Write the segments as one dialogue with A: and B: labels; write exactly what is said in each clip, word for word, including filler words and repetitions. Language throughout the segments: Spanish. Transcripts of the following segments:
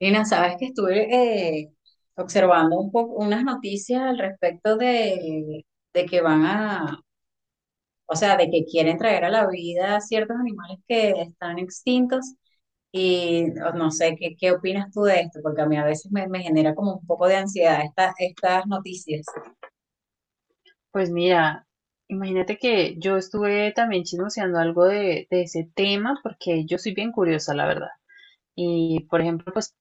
A: Lina, sabes que estuve eh, observando un poco unas noticias al respecto de, de que van a, o sea, de que quieren traer a la vida ciertos animales que están extintos y o no sé qué, qué opinas tú de esto, porque a mí a veces me, me genera como un poco de ansiedad esta- estas noticias.
B: Pues mira, imagínate que yo estuve también chismoseando algo de, de ese tema porque yo soy bien curiosa, la verdad. Y, por ejemplo, pues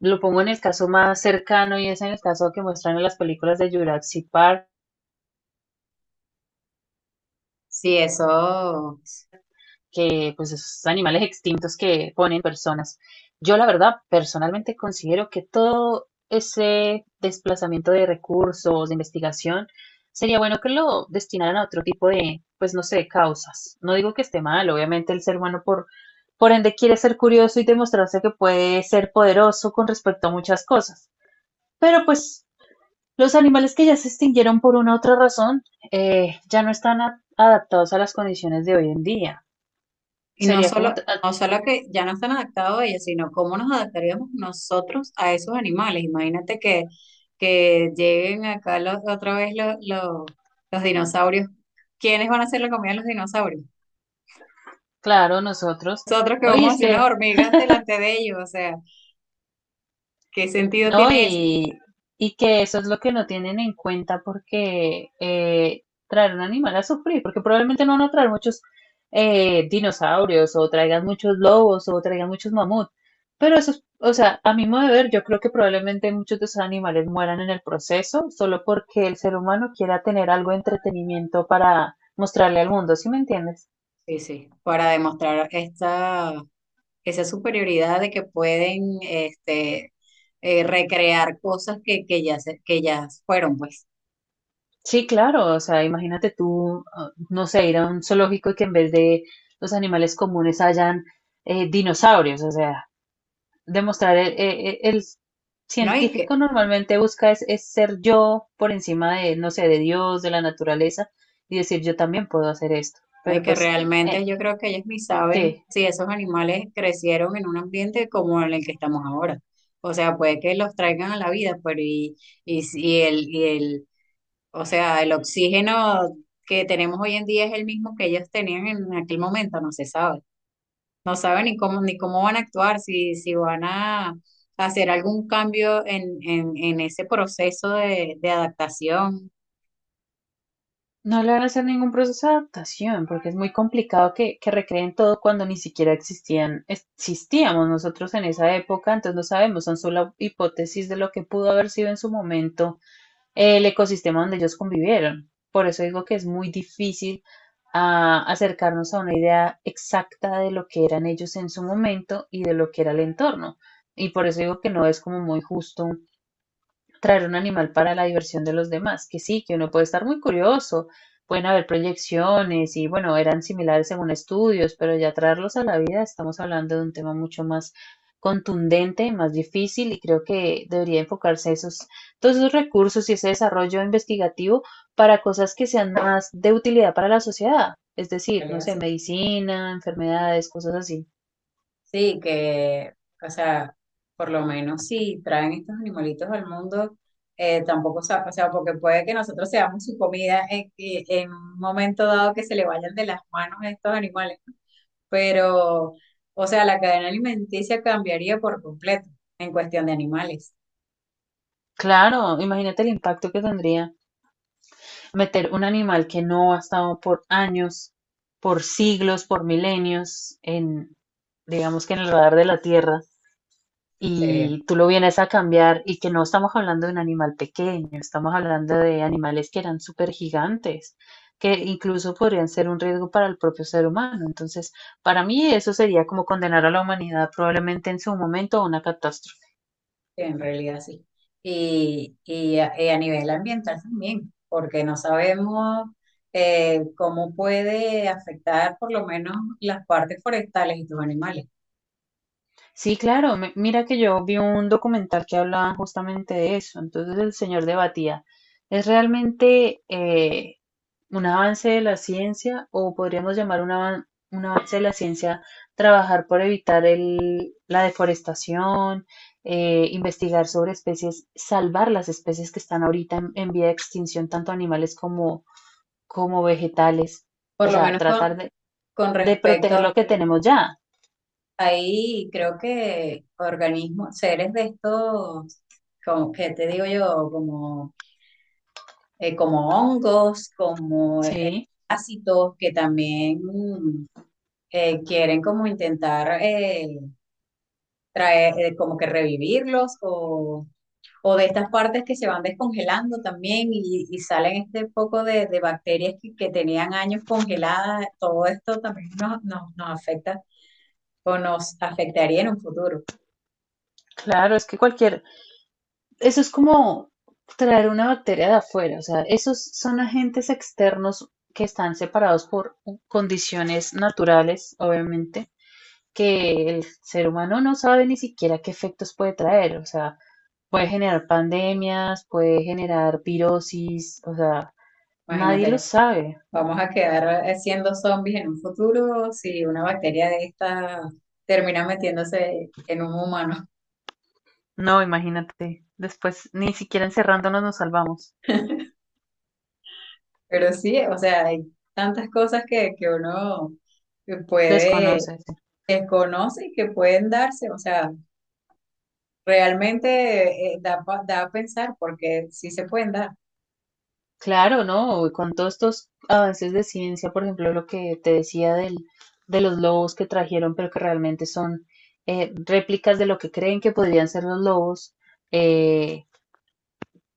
B: lo pongo en el caso más cercano y es en el caso que muestran en las películas de Jurassic Park.
A: Sí, eso.
B: Que pues esos animales extintos que ponen personas. Yo la verdad personalmente considero que todo ese desplazamiento de recursos, de investigación, sería bueno que lo destinaran a otro tipo de, pues no sé, causas. No digo que esté mal, obviamente el ser humano por, por ende quiere ser curioso y demostrarse que puede ser poderoso con respecto a muchas cosas. Pero pues los animales que ya se extinguieron por una u otra razón eh, ya no están a- adaptados a las condiciones de hoy en día.
A: Y no
B: Sería como
A: solo,
B: t-
A: no solo que ya no están adaptados ellos, sino cómo nos adaptaríamos nosotros a esos animales. Imagínate que, que lleguen acá los- otra vez los, los, los dinosaurios. ¿Quiénes van a hacer la comida de los dinosaurios?
B: Claro, nosotros.
A: Nosotros que
B: No, y
A: vamos a
B: es
A: hacer unas
B: que,
A: hormigas delante de ellos. O sea, ¿qué sentido
B: no,
A: tiene eso?
B: y, y que eso es lo que no tienen en cuenta porque eh, traer un animal a sufrir, porque probablemente no van a traer muchos eh, dinosaurios o traigan muchos lobos o traigan muchos mamuts. Pero eso es, o sea, a mi modo de ver, yo creo que probablemente muchos de esos animales mueran en el proceso solo porque el ser humano quiera tener algo de entretenimiento para mostrarle al mundo, ¿sí me entiendes?
A: Sí, sí, para demostrar esta, esa superioridad de que pueden este, eh, recrear cosas que, que ya, se- que ya fueron, pues.
B: Sí, claro, o sea, imagínate tú, ah, no sé, ir a un zoológico y que en vez de los animales comunes hayan eh, dinosaurios, o sea, demostrar el, e- e- el
A: ¿No? Y que,
B: científico normalmente busca es, es ser yo por encima de, no sé, de Dios, de la naturaleza y decir yo también puedo hacer esto,
A: ay,
B: pero
A: que
B: pues,
A: realmente
B: eh,
A: yo creo que ellos ni saben
B: sí,
A: si esos animales crecieron en un ambiente como en el que estamos ahora. O sea, puede que los traigan a la vida, pero y, y, si el, y el, o sea, el oxígeno que tenemos hoy en día es el mismo que ellos tenían en aquel momento, no se sabe. No saben ni cómo, ni cómo van a actuar, si, si van a hacer algún cambio en, en, en ese proceso de, de adaptación.
B: no le van a hacer ningún proceso de adaptación, porque es muy complicado que, que recreen todo cuando ni siquiera existían, existíamos nosotros en esa época, entonces no sabemos, son solo hipótesis de lo que pudo haber sido en su momento el ecosistema donde ellos convivieron. Por eso digo que es muy difícil ah, acercarnos a una idea exacta de lo que eran ellos en su momento y de lo que era el entorno. Y por eso digo que no es como muy justo traer un animal para la diversión de los demás, que sí, que uno puede estar muy curioso, pueden haber proyecciones y bueno, eran similares según estudios, pero ya traerlos a la vida estamos hablando de un tema mucho más contundente, más difícil y creo que debería enfocarse esos, todos esos recursos y ese desarrollo investigativo para cosas que sean más de utilidad para la sociedad, es
A: ¿Qué
B: decir,
A: le
B: no sé,
A: hace?
B: medicina, enfermedades, cosas así.
A: Sí, que, o sea, por lo menos si traen estos animalitos al mundo, eh, tampoco, sa- o sea, porque puede que nosotros seamos su comida en, y- en un momento dado que se le vayan de las manos a estos animales, ¿no? Pero, o sea, la cadena alimenticia cambiaría por completo en cuestión de animales.
B: Claro, imagínate el impacto que tendría meter un animal que no ha estado por años, por siglos, por milenios, en, digamos que en el radar de la Tierra,
A: Sería
B: y tú lo vienes a cambiar, y que no estamos hablando de un animal pequeño, estamos hablando de animales que eran súper gigantes, que incluso podrían ser un riesgo para el propio ser humano. Entonces, para mí eso sería como condenar a la humanidad probablemente en su momento a una catástrofe.
A: en realidad sí. Y, y a, y a nivel ambiental también, porque no sabemos eh, cómo puede afectar por lo menos las partes forestales y tus animales.
B: Sí, claro, mi- mira que yo vi un documental que hablaba justamente de eso, entonces el señor debatía, ¿es realmente eh, un avance de la ciencia o podríamos llamar un, avan- un avance de la ciencia trabajar por evitar el- la deforestación, eh, investigar sobre especies, salvar las especies que están ahorita en, en vía de extinción, tanto animales como, como vegetales?
A: Por
B: O
A: lo
B: sea,
A: menos con,
B: tratar de,
A: con
B: de proteger lo
A: respecto,
B: que tenemos ya,
A: ahí creo que organismos, seres de estos, como que te digo yo, como, eh, como hongos, como eh,
B: ¿sí?
A: ácidos que también mm, eh, quieren como intentar eh, traer, eh, como que revivirlos o, o de estas partes que se van descongelando también y, y salen este poco de, de bacterias que, que tenían años congeladas, todo esto también nos, nos, nos afecta o nos afectaría en un futuro.
B: Claro, es que cualquier, eso es como traer una bacteria de afuera, o sea, esos son agentes externos que están separados por condiciones naturales, obviamente, que el ser humano no sabe ni siquiera qué efectos puede traer, o sea, puede generar pandemias, puede generar virosis, o sea, nadie lo
A: Imagínate,
B: sabe.
A: vamos a quedar eh, siendo zombies en un futuro si una bacteria de esta termina metiéndose en un humano.
B: No, imagínate, después ni siquiera encerrándonos nos salvamos,
A: Pero sí, o sea, hay tantas cosas que, que uno que puede,
B: desconoces.
A: que conoce y que pueden darse, o sea, realmente eh, da, pa- da a pensar porque sí se pueden dar,
B: Claro, ¿no? Con todos estos avances de ciencia, por ejemplo, lo que te decía del, de los lobos que trajeron, pero que realmente son eh, réplicas de lo que creen que podrían ser los lobos, eh,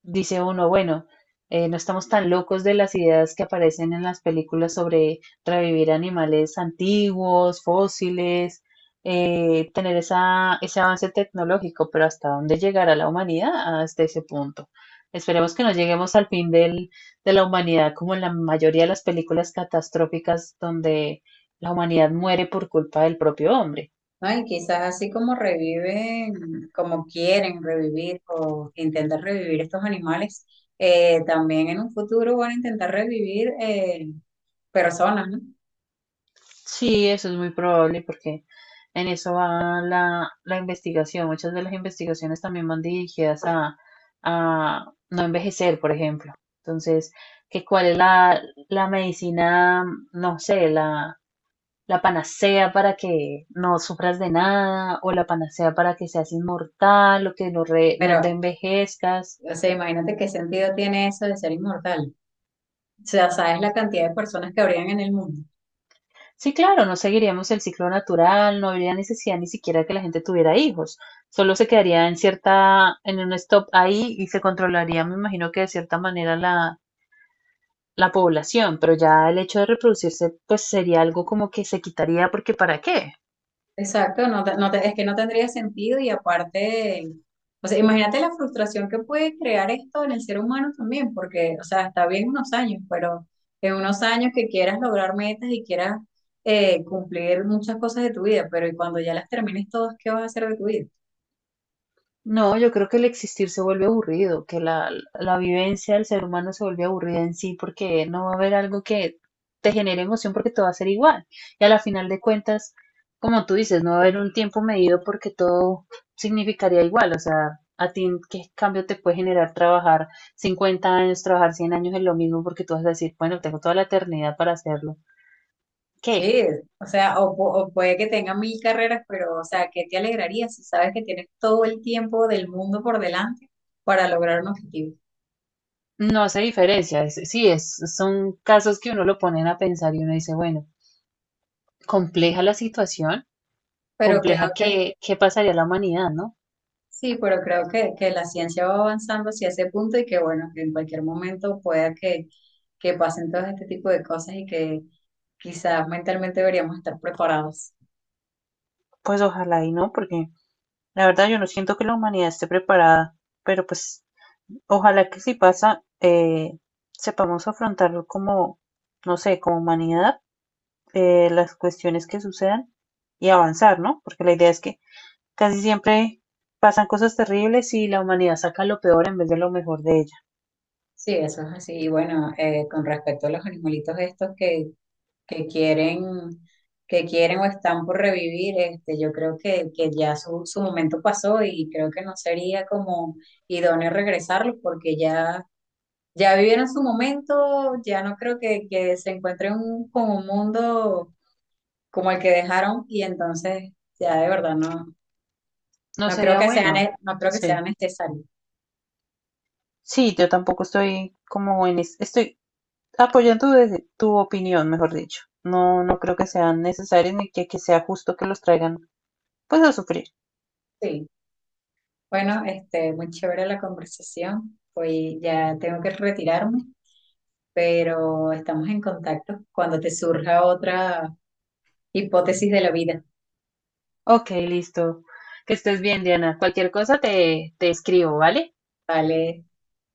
B: dice uno, bueno, eh, no estamos tan locos de las ideas que aparecen en las películas sobre revivir animales antiguos, fósiles, eh, tener esa, ese avance tecnológico, pero ¿hasta dónde llegará la humanidad hasta ese punto? Esperemos que no lleguemos al fin del, de la humanidad como en la mayoría de las películas catastróficas donde la humanidad muere por culpa del propio hombre.
A: ¿no? Y quizás así como reviven, como quieren revivir o intentar revivir estos animales, eh, también en un futuro van a intentar revivir eh, personas, ¿no?
B: Sí, eso es muy probable porque en eso va la, la investigación. Muchas de las investigaciones también van dirigidas a, a no envejecer, por ejemplo. Entonces, que cuál es la, la medicina, no sé, la, la panacea para que no sufras de nada, o la panacea para que seas inmortal, o que no, re-
A: Pero,
B: no te envejezcas.
A: o sea, imagínate qué sentido tiene eso de ser inmortal. O sea, sabes la cantidad de personas que habrían en el mundo.
B: Sí, claro, no seguiríamos el ciclo natural, no habría necesidad ni siquiera que la gente tuviera hijos, solo se quedaría en cierta, en un stop ahí y se controlaría, me imagino que de cierta manera la, la población, pero ya el hecho de reproducirse pues sería algo como que se quitaría porque ¿para qué?
A: Exacto, no, te- no te- es que no tendría sentido y aparte, o sea, imagínate la frustración que puede crear esto en el ser humano también, porque, o sea, está bien unos años, pero en unos años que quieras lograr metas y quieras eh, cumplir muchas cosas de tu vida, pero y cuando ya las termines todas, ¿qué vas a hacer de tu vida?
B: No, yo creo que el existir se vuelve aburrido, que la, la vivencia del ser humano se vuelve aburrida en sí porque no va a haber algo que te genere emoción porque todo va a ser igual. Y a la final de cuentas, como tú dices, no va a haber un tiempo medido porque todo significaría igual. O sea, a ti, ¿qué cambio te puede generar trabajar cincuenta años, trabajar cien años en lo mismo? Porque tú vas a decir, bueno, tengo toda la eternidad para hacerlo. ¿Qué?
A: Sí, o sea, o, pu- o puede que tenga mil carreras, pero, o sea, ¿qué te alegraría si sabes que tienes todo el tiempo del mundo por delante para lograr un objetivo?
B: No hace diferencia. Es- sí, es, son casos que uno lo ponen a pensar y uno dice, bueno, compleja la situación,
A: Pero
B: compleja
A: creo,
B: que, que pasaría la humanidad, ¿no?
A: sí, pero creo que, que la ciencia va avanzando hacia ese punto y que, bueno, que en cualquier momento pueda que, que pasen todo este tipo de cosas y que quizás mentalmente deberíamos estar preparados.
B: Pues ojalá y no, porque la verdad yo no siento que la humanidad esté preparada, pero pues ojalá que si pasa, eh, sepamos afrontarlo como, no sé, como humanidad, eh, las cuestiones que sucedan y avanzar, ¿no? Porque la idea es que casi siempre pasan cosas terribles y la humanidad saca lo peor en vez de lo mejor de ella.
A: Sí, eso es así. Y bueno, eh, con respecto a los animalitos estos que, que quieren, que quieren o están por revivir, este, yo creo que, que ya su, su momento pasó y creo que no sería como idóneo regresarlos porque ya ya vivieron su momento, ya no creo que, que se encuentren un- con un mundo como el que dejaron y entonces ya de verdad no,
B: No
A: no creo
B: sería
A: que sea,
B: bueno.
A: ne- no creo que sea
B: Sí.
A: necesario.
B: Sí, yo tampoco estoy como en es- estoy apoyan tu, de- tu opinión, mejor dicho. No, no creo que sean necesarios ni que, que sea justo que los traigan, pues, a sufrir.
A: Sí, bueno, este, muy chévere la conversación. Hoy ya tengo que retirarme, pero estamos en contacto cuando te surja otra hipótesis de la vida.
B: Ok, listo. Que estés bien, Diana. Cualquier cosa te, te escribo, ¿vale?
A: Vale.